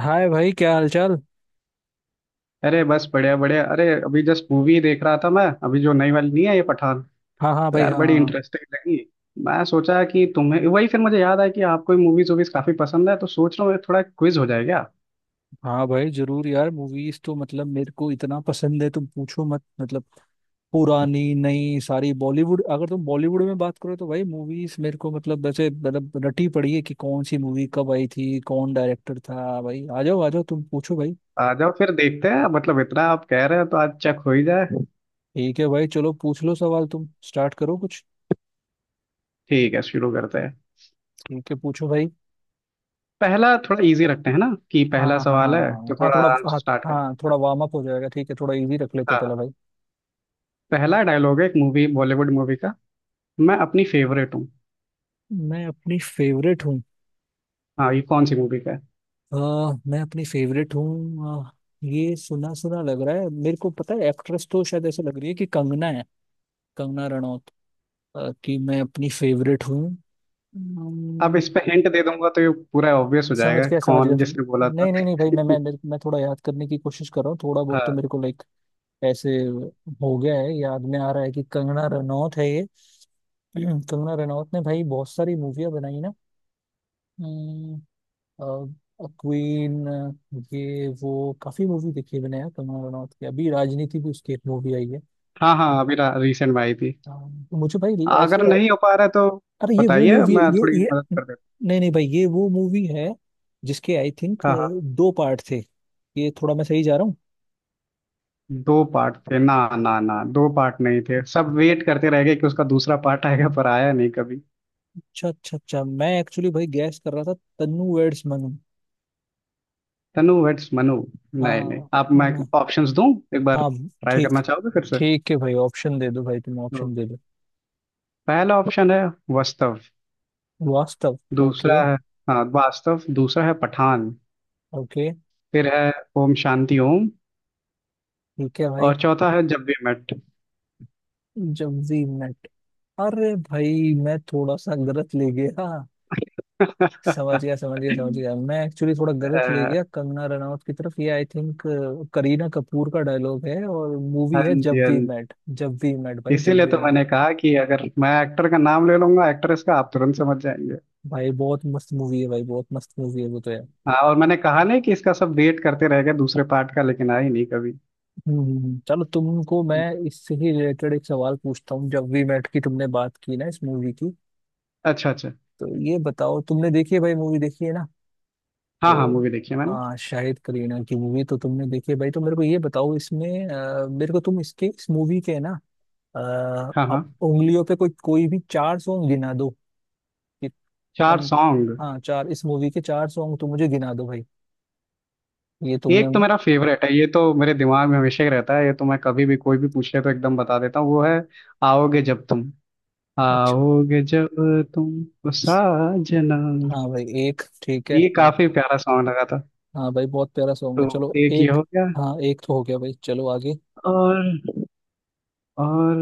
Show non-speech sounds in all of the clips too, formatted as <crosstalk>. हाय भाई, क्या हालचाल। अरे बस बढ़िया बढ़िया। अरे अभी जस्ट मूवी देख रहा था मैं, अभी जो नई वाली नहीं है ये पठान। हाँ हाँ तो भाई, यार हाँ बड़ी हाँ हाँ। इंटरेस्टिंग लगी। मैं सोचा कि तुम्हें वही, फिर मुझे याद आया कि आपको मूवीज वूवीज काफी पसंद है, तो सोच रहा हूँ थोड़ा क्विज हो जाए क्या। हाँ भाई जरूर यार, मूवीज तो मतलब मेरे को इतना पसंद है, तुम पूछो मत। मतलब पुरानी नई सारी बॉलीवुड, अगर तुम बॉलीवुड में बात करो तो भाई मूवीज मेरे को मतलब वैसे मतलब रटी पड़ी है कि कौन सी मूवी कब आई थी, कौन डायरेक्टर था। भाई आ जाओ आ जाओ, तुम पूछो भाई। आ जाओ फिर देखते हैं। मतलब इतना आप कह रहे हो तो आज चेक हो ही जाए। ठीक है भाई, चलो पूछ लो सवाल, तुम स्टार्ट करो कुछ। ठीक है, शुरू करते हैं। ठीक है, पूछो भाई। पहला थोड़ा इजी रखते हैं ना, कि हाँ पहला हाँ हाँ हाँ सवाल है हाँ तो हाँ, थोड़ा थोड़ा आराम से हाँ। स्टार्ट करते हाँ थोड़ा वार्म अप हो जाएगा, ठीक है थोड़ा इजी रख लेते हैं। हैं हाँ हाँ। पहला भाई। पहला डायलॉग है एक मूवी, बॉलीवुड मूवी का। मैं अपनी फेवरेट हूँ। मैं अपनी फेवरेट हूँ। हाँ, ये कौन सी मूवी का है? अ, मैं अपनी फेवरेट हूँ। ये सुना सुना लग रहा है, मेरे को पता है एक्ट्रेस तो शायद ऐसे लग रही है कि कंगना है, कंगना रनौत। कि मैं अपनी फेवरेट हूँ। अब इस अम्म, पे हिंट दे दूंगा तो ये पूरा ऑब्वियस हो जाएगा समझ गया कौन तुम। जिसने बोला था। नहीं नहीं नहीं भाई, <laughs> मैं थोड़ा याद करने की कोशिश कर रहा हूँ, थोड़ा बहुत तो हाँ मेरे को लाइक ऐसे हो गया है, याद में आ रहा है कि कंगना रनौत है ये। <clears throat> कंगना रनौत ने भाई बहुत सारी मूवियाँ बनाई ना। क्वीन, ये वो काफी मूवी देखी है मैंने यार कंगना रनौत की। अभी राजनीति भी उसकी एक मूवी आई है। हाँ हाँ, अभी रिसेंट में आई थी। तो मुझे भाई ऐसे। अगर नहीं हो पा रहा है तो अरे ये वो बताइए, मूवी है, मैं ये थोड़ी ये मदद कर देता। नहीं नहीं भाई ये वो मूवी है जिसके आई थिंक हाँ हाँ। दो पार्ट थे। ये थोड़ा मैं सही जा रहा हूँ। दो पार्ट थे? ना ना ना, दो पार्ट नहीं थे। सब वेट करते रह गए कि उसका दूसरा पार्ट आएगा, पर आया नहीं कभी। अच्छा अच्छा अच्छा, मैं एक्चुअली भाई गैस कर रहा था तन्नू वेड्स मनु। तनु वेट्स मनु। नहीं नहीं, हाँ। आप, मैं न- ऑप्शंस दूं? एक बार हाँ। ट्राई ठीक। करना चाहोगे फिर से? ठीक है भाई, ऑप्शन दे दो भाई, तुम तो ऑप्शन दे दो। पहला ऑप्शन है वास्तव। वास्तव। दूसरा ओके। है, हाँ वास्तव। दूसरा है पठान। ओके। फिर है ओम शांति ओम। ठीक है भाई। और चौथा है जब वी मेट। जब वी मेट। अरे भाई मैं थोड़ा सा गलत ले गया हाँ। अ, समझ <laughs> गया समझ गया समझ गया, मैं एक्चुअली थोड़ा गलत ले गया कंगना रनावत की तरफ। ये आई थिंक करीना कपूर का डायलॉग है, और मूवी हाँ है जी, जब हाँ वी जी। मेट, जब वी मेट भाई जब इसीलिए वी तो मेट। मैंने कहा कि अगर मैं एक्टर का नाम ले लूंगा, एक्ट्रेस का, आप तुरंत समझ जाएंगे। भाई बहुत मस्त मूवी है भाई, बहुत मस्त मूवी है वो तो यार। हाँ, और मैंने कहा नहीं कि इसका सब वेट करते रह गए दूसरे पार्ट का, लेकिन आई नहीं कभी। चलो तुमको मैं इससे ही रिलेटेड एक सवाल पूछता हूँ, जब वी मेट की तुमने बात की ना इस मूवी की। अच्छा अच्छा। तो ये बताओ, तुमने देखी है भाई, मूवी देखी है ना। हाँ हाँ, तो मूवी देखी है मैंने। शाहिद करीना की मूवी तो तुमने देखी है भाई, तो मेरे को ये बताओ इसमें मेरे को तुम इसके इस मूवी के ना आ, हाँ हाँ। आप उंगलियों पे कोई कोई भी चार सॉन्ग गिना दो कि चार तुम। सॉन्ग? हाँ चार, इस मूवी के चार सॉन्ग तुम मुझे गिना दो भाई, ये तुमने। एक तो मेरा फेवरेट है, ये तो मेरे दिमाग में हमेशा ही रहता है, ये तो मैं कभी भी कोई भी पूछ ले तो एकदम बता देता हूँ। वो है आओगे जब तुम, अच्छा। आओगे जब तुम ओ साजना। हाँ भाई, एक ठीक है ये एक। काफी प्यारा सॉन्ग लगा था। हाँ भाई बहुत प्यारा सॉन्ग तो है, चलो एक ये एक। हो गया। हाँ एक तो हो गया भाई, चलो आगे। और, और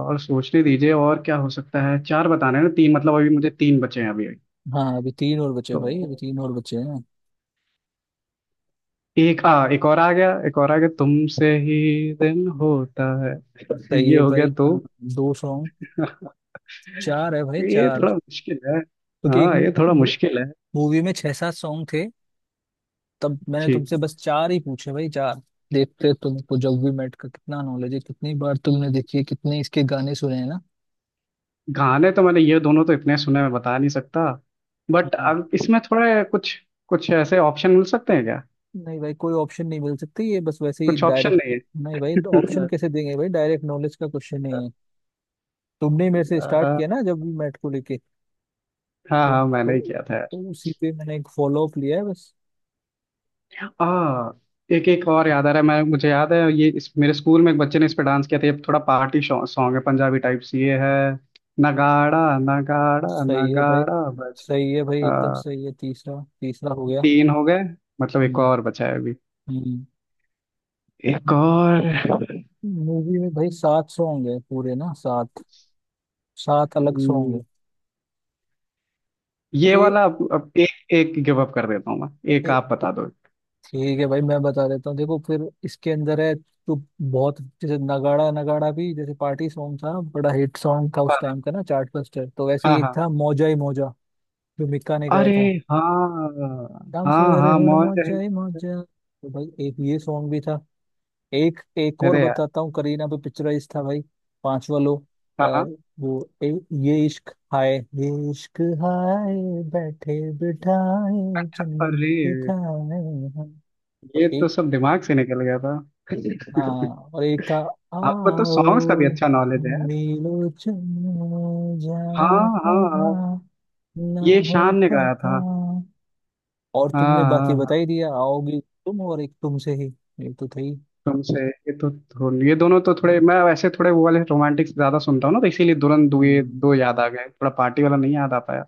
और सोचने दीजिए और क्या हो सकता है। चार बताने हैं ना, तीन मतलब अभी मुझे तीन बचे हैं अभी अभी। हाँ अभी तीन और बचे तो भाई, अभी तीन और बचे हैं। एक आ, एक और आ गया, एक और आ गया तुमसे ही। दिन होता है। <laughs> सही ये है हो गया भाई दो। हाँ। दो सॉन्ग। <laughs> चार है भाई ये चार, थोड़ा मुश्किल है। क्योंकि एक हाँ, ये थोड़ा मुश्किल है। मूवी में छह सात सॉन्ग थे, तब मैंने ठीक। तुमसे बस चार ही पूछे भाई चार। देखते तुमको जब वी मेट का कितना नॉलेज है, कितनी बार तुमने देखी है, कितने इसके गाने सुने हैं ना। गाने तो मैंने ये दोनों तो इतने सुने, मैं बता नहीं सकता। बट हम्म। अब इसमें थोड़ा कुछ कुछ ऐसे ऑप्शन मिल सकते हैं क्या? नहीं भाई, कोई ऑप्शन नहीं मिल सकती, ये बस वैसे ही कुछ ऑप्शन डायरेक्ट। नहीं नहीं भाई, ऑप्शन है? कैसे <laughs> देंगे भाई, डायरेक्ट नॉलेज का क्वेश्चन नहीं है। तुमने ही मेरे से स्टार्ट अ, किया ना जब भी मैट को लेके। हाँ तो, हाँ, मैंने ही तो, किया था यार। तो उसी पे मैंने एक फॉलो अप लिया है बस। आ, एक एक और याद आ रहा है। मैं मुझे याद है ये, मेरे स्कूल में एक बच्चे ने इस पे डांस किया था। ये थोड़ा पार्टी सॉन्ग है, पंजाबी टाइप्स ये है। नगाड़ा नगाड़ा सही है भाई, नगाड़ा बज। सही है भाई, एकदम आ, सही है, तीसरा तीसरा हो गया। तीन हो गए। मतलब एक हम्म और बचा है अभी। हम्म। एक और। मूवी में भाई सात सौ होंगे पूरे ना, सात सात अलग सौ हम्म, होंगे। ये ये वाला अब, एक एक गिव अप कर देता हूँ मैं। एक ये- आप बता दो। ठीक है भाई, मैं बता देता हूँ, देखो फिर इसके अंदर है तो बहुत। जैसे नगाड़ा नगाड़ा भी जैसे पार्टी सॉन्ग था, बड़ा हिट सॉन्ग था उस हाँ टाइम का ना, चार्ट बस्टर। तो वैसे हाँ ही एक हाँ। था मौजा ही मौजा, जो मिक्का ने गाया अरे था। हाँ शाम हाँ सवेरे हाँ, हुण मौज है मौजा ही मौज मौजा, तो भाई एक ये सॉन्ग भी था। एक एक है। और अरे यार। बताता हूँ, करीना पे पिक्चराइज था भाई, पांचवा लो। अ, हाँ हाँ। वो ये इश्क हाय, ये इश्क हाय, बैठे बिठाए जन्नत अरे, दिखाए। हम। तो ये तो एक। सब दिमाग से निकल गया था। हाँ और एक था, आपको तो सॉन्ग्स का भी आओ, अच्छा हम नॉलेज है। मिलो चलो हाँ जाना हाँ हाँ, कहाँ ना ये हो शान ने गाया पता। था। और हाँ तुमने बाकी हाँ बता हाँ। ही दिया आओगी तुम, और एक तुमसे ही, ये तो थे ही। तुमसे, ये दोनों तो थोड़े, मैं वैसे थोड़े वो वाले रोमांटिक ज्यादा सुनता हूँ ना, तो इसीलिए तुरंत दो ये हम्म, दो याद आ गए। थोड़ा पार्टी वाला नहीं याद आ पाया।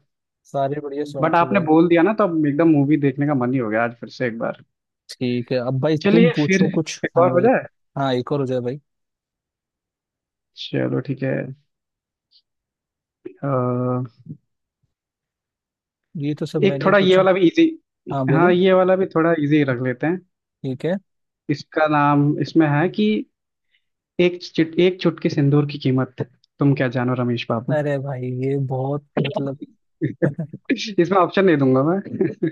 सारे बढ़िया सॉन्ग बट थे आपने भाई। बोल दिया ना, तो अब एकदम मूवी देखने का मन ही हो गया आज फिर से एक बार। ठीक है अब भाई, तुम चलिए फिर पूछो कुछ, एक हाँ और हो भाई। जाए। हाँ एक और हो जाए भाई, चलो ठीक है। अ, ये तो सब एक मैंने ही थोड़ा ये पूछे। वाला भी इजी। हाँ हाँ, बोलो। ये वाला भी थोड़ा इजी रख लेते हैं। ठीक है। इसका नाम, इसमें है कि, एक चुटकी सिंदूर की कीमत तुम क्या जानो रमेश बाबू। अरे भाई ये बहुत मतलब <laughs> <laughs> इसमें ऑप्शन नहीं दूंगा मैं।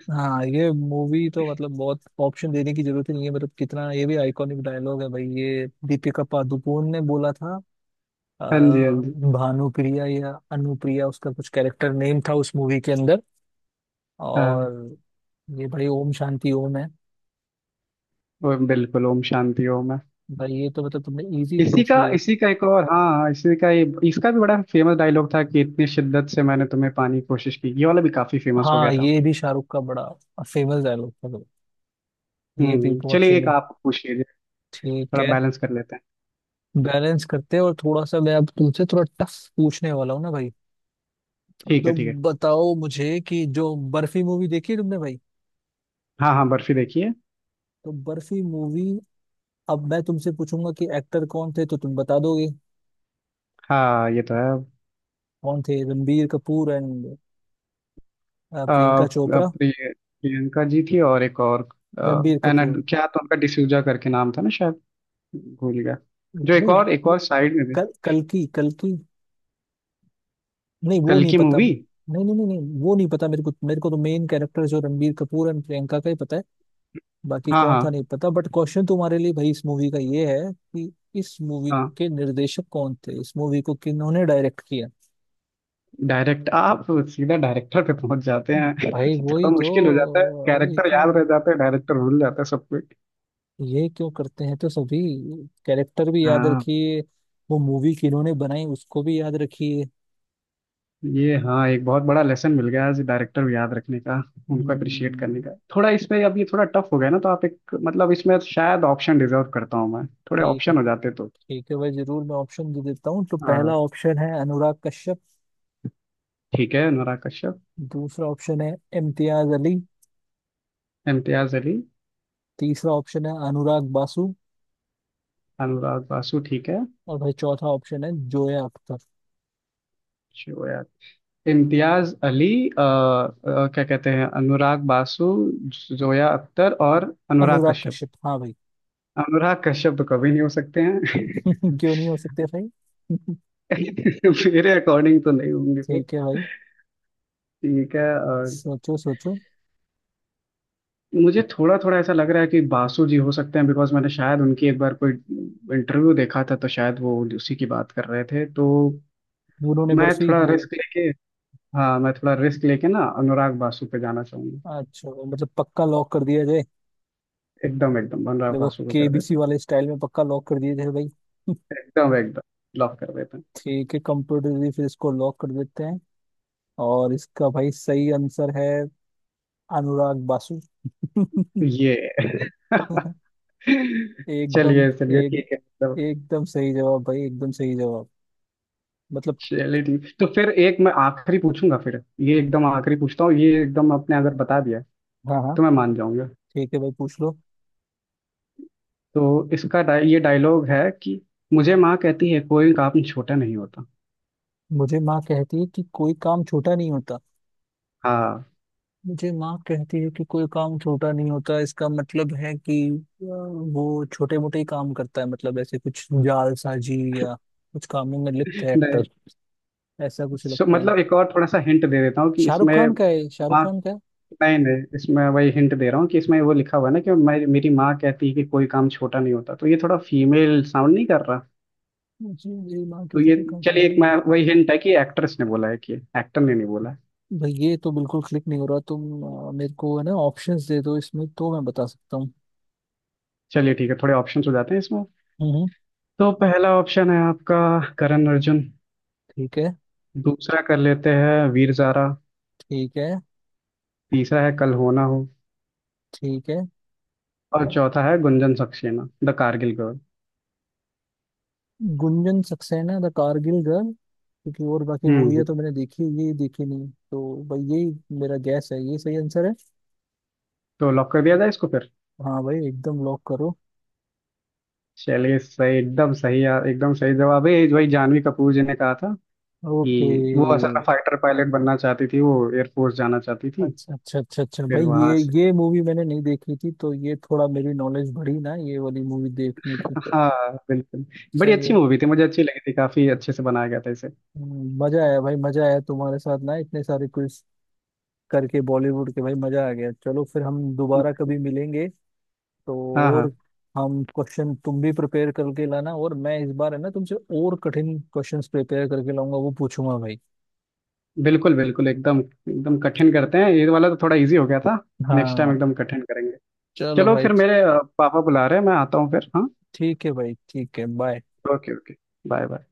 हाँ ये मूवी तो मतलब बहुत ऑप्शन देने की जरूरत ही नहीं है, मतलब कितना, ये भी आइकॉनिक डायलॉग है भाई, ये दीपिका पादुकोण ने बोला था। अ, <laughs> हाँ जी, हाँ जी। भानुप्रिया या अनुप्रिया, उसका कुछ कैरेक्टर नेम था उस मूवी के अंदर, हाँ, और ये भाई ओम शांति ओम है। वो बिल्कुल ओम शांति ओम है। भाई ये तो मतलब तुमने इजी इसी पूछ का लिया। इसी का एक और, हाँ इसी का ये, इसका भी बड़ा फेमस डायलॉग था कि इतनी शिद्दत से मैंने तुम्हें पाने की कोशिश की। ये वाला भी काफी फेमस हो हाँ गया था। ये भी शाहरुख का बड़ा फेमस डायलॉग था, ये भी बहुत चलिए, एक फेमस। आप पूछ लीजिए। ठीक थोड़ा है, बैलेंस कर लेते हैं। बैलेंस करते हैं, और थोड़ा सा मैं अब तुमसे थोड़ा टफ पूछने वाला हूँ ना भाई। ठीक है, तो ठीक है। बताओ मुझे कि जो बर्फी मूवी देखी है तुमने भाई, हाँ हाँ, बर्फी देखिए। तो बर्फी मूवी, अब मैं तुमसे पूछूंगा कि एक्टर कौन थे तो तुम बता दोगे हाँ ये तो है। कौन थे, Ranbir Kapoor and uh, Priyanka uh, Chopra, प्रिय, प्रियंका जी थी, और एक और अ, रणबीर एना कपूर। क्या, तो उनका डिसूजा करके नाम था ना शायद। भूल गया। जो एक नहीं और साइड में भी। कल, कल्कि कल्कि नहीं, वो कल नहीं की पता, मूवी। नहीं नहीं नहीं नहीं वो नहीं पता मेरे को, मेरे को तो मेन कैरेक्टर जो रणबीर कपूर एंड प्रियंका का ही पता है, बाकी हाँ कौन था हाँ नहीं पता। बट क्वेश्चन तुम्हारे लिए भाई इस मूवी का ये है कि इस मूवी हाँ। के निर्देशक कौन थे, इस मूवी को किन्होंने डायरेक्ट किया। डायरेक्ट आप सीधा डायरेक्टर पे पहुंच जाते हैं। भाई थोड़ा वही तो, मुश्किल हो जाता है, वही कैरेक्टर तो, याद रह जाता है, डायरेक्टर भूल जाता है सब कुछ। ये क्यों करते हैं तो सभी, कैरेक्टर भी याद हाँ रखिए, वो मूवी किन्होंने बनाई उसको भी याद रखिए। ये, हाँ एक बहुत बड़ा लेसन मिल गया आज डायरेक्टर को याद रखने का, उनको अप्रिशिएट करने हम्म, का। थोड़ा इसमें, अब ये थोड़ा टफ हो गया ना, तो आप एक मतलब इसमें शायद ऑप्शन डिजर्व करता हूँ मैं, थोड़े एक ऑप्शन हो जाते तो। ठीक है भाई, जरूर मैं ऑप्शन दे देता हूँ। तो पहला हाँ। ऑप्शन है अनुराग कश्यप, ठीक है, अनुराग कश्यप। दूसरा ऑप्शन है इम्तियाज अली, इम्तियाज अली। तीसरा ऑप्शन है अनुराग बासु, अनुराग बासु ठीक है। और भाई चौथा ऑप्शन है जोया अख्तर। जो यार। इम्तियाज अली, क्या कहते हैं, अनुराग बासु, जोया अख्तर और अनुराग अनुराग कश्यप। कश्यप हाँ भाई। अनुराग कश्यप तो कभी नहीं हो सकते <laughs> हैं। <laughs> क्यों नहीं हो सकते भाई। <laughs> मेरे अकॉर्डिंग तो नहीं होंगे वो। ठीक है भाई, ठीक है, और सोचो सोचो, मुझे थोड़ा थोड़ा ऐसा लग रहा है कि बासु जी हो सकते हैं, बिकॉज मैंने शायद उनकी एक बार कोई इंटरव्यू देखा था, तो शायद वो उसी की बात कर रहे थे। तो भूनों ने मैं बर्फी थोड़ा मूवी। रिस्क लेके, हाँ मैं थोड़ा रिस्क लेके ना अनुराग बासु पे जाना चाहूंगा। अच्छा भाई, मतलब पक्का लॉक कर दिया जाए, एकदम एकदम, जब अनुराग वो बासु को कर केबीसी देते हैं। वाले स्टाइल में पक्का लॉक कर दिया जाए भाई। <laughs> एकदम एकदम, लॉक कर देते हैं। ठीक है कंप्यूटर, फिर इसको लॉक कर देते हैं, और इसका भाई सही आंसर है अनुराग बासु। <laughs> ये। <laughs> एकदम, चलिए चलिए एक ठीक है, मतलब एकदम सही जवाब भाई, एकदम सही जवाब, मतलब। चलिए ठीक। तो फिर एक मैं आखिरी पूछूंगा, फिर ये एकदम आखिरी पूछता हूँ। ये एकदम आपने अगर बता दिया हाँ हाँ तो मैं मान जाऊंगा। ठीक है भाई, पूछ लो। तो इसका, ये डायलॉग है कि, मुझे माँ कहती है कोई काम छोटा नहीं होता। मुझे माँ कहती है कि कोई काम छोटा नहीं होता। हाँ। मुझे माँ कहती है कि कोई काम छोटा नहीं होता, इसका मतलब है कि वो छोटे मोटे ही काम करता है, मतलब ऐसे कुछ जाल साजी या कुछ कामों में लिप्त है नहीं। एक्टर, ऐसा कुछ लगता है। मतलब एक और थोड़ा सा हिंट दे देता हूँ कि शाहरुख इसमें खान का है ये? शाहरुख माँ। खान का है। नहीं नहीं, इसमें वही हिंट दे रहा हूँ कि इसमें वो लिखा हुआ है ना कि, मैं मेरी माँ कहती है कि कोई काम छोटा नहीं होता, तो ये थोड़ा फीमेल साउंड नहीं कर रहा। मुझे मेरी माँ तो कहती है ये कोई काम चलिए, छोटा नहीं एक मैं होता। वही हिंट है कि एक्ट्रेस ने बोला है, कि एक्टर ने नहीं बोला है। भाई ये तो बिल्कुल क्लिक नहीं हो रहा तुम, मेरे को है ना ऑप्शंस दे दो इसमें तो मैं बता सकता हूँ। चलिए ठीक है, थोड़े ऑप्शंस हो जाते हैं इसमें। हम्म हम्म, तो पहला ऑप्शन है आपका करण अर्जुन। ठीक है। दूसरा कर लेते हैं वीर ज़ारा। ठीक है। तीसरा है कल हो ना हो। ठीक है। और चौथा है गुंजन सक्सेना द कारगिल गर्ल। गुंजन सक्सेना द कारगिल गर्ल, क्योंकि और बाकी मूवियाँ हम्म। तो मैंने देखी है, ये देखी नहीं, तो भाई यही मेरा गैस है, ये सही आंसर है। तो लॉक कर दिया जाए इसको फिर। हाँ भाई एकदम लॉक करो। चलिए सही, एकदम सही यार, एकदम सही जवाब है ये। जो ही जानवी कपूर जी ने कहा था ओके। कि वो असल में फाइटर पायलट बनना चाहती थी, वो एयरफोर्स जाना चाहती थी। अच्छा अच्छा अच्छा अच्छा फिर भाई, वहां से, ये मूवी मैंने नहीं देखी थी तो ये थोड़ा मेरी नॉलेज बढ़ी ना ये वाली मूवी देखने की। हाँ बिल्कुल, बड़ी सही अच्छी है। मूवी थी, मुझे अच्छी लगी थी, काफी अच्छे से बनाया गया था इसे। मजा आया भाई, मजा आया तुम्हारे साथ ना, इतने सारे क्विज करके बॉलीवुड के, भाई मजा आ गया। चलो फिर हम दोबारा कभी मिलेंगे, तो हाँ हाँ। और हम क्वेश्चन तुम भी प्रिपेयर करके लाना, और मैं इस बार है ना तुमसे और कठिन क्वेश्चंस प्रिपेयर करके लाऊंगा, वो पूछूंगा भाई। बिल्कुल बिल्कुल, एकदम एकदम कठिन करते हैं। ये वाला तो थोड़ा इजी हो गया था। नेक्स्ट टाइम हाँ एकदम कठिन करेंगे। चलो चलो भाई। फिर, मेरे पापा बुला रहे हैं, मैं आता हूँ फिर। हाँ, ठीक है भाई, ठीक है, bye. Okay okay. Bye bye.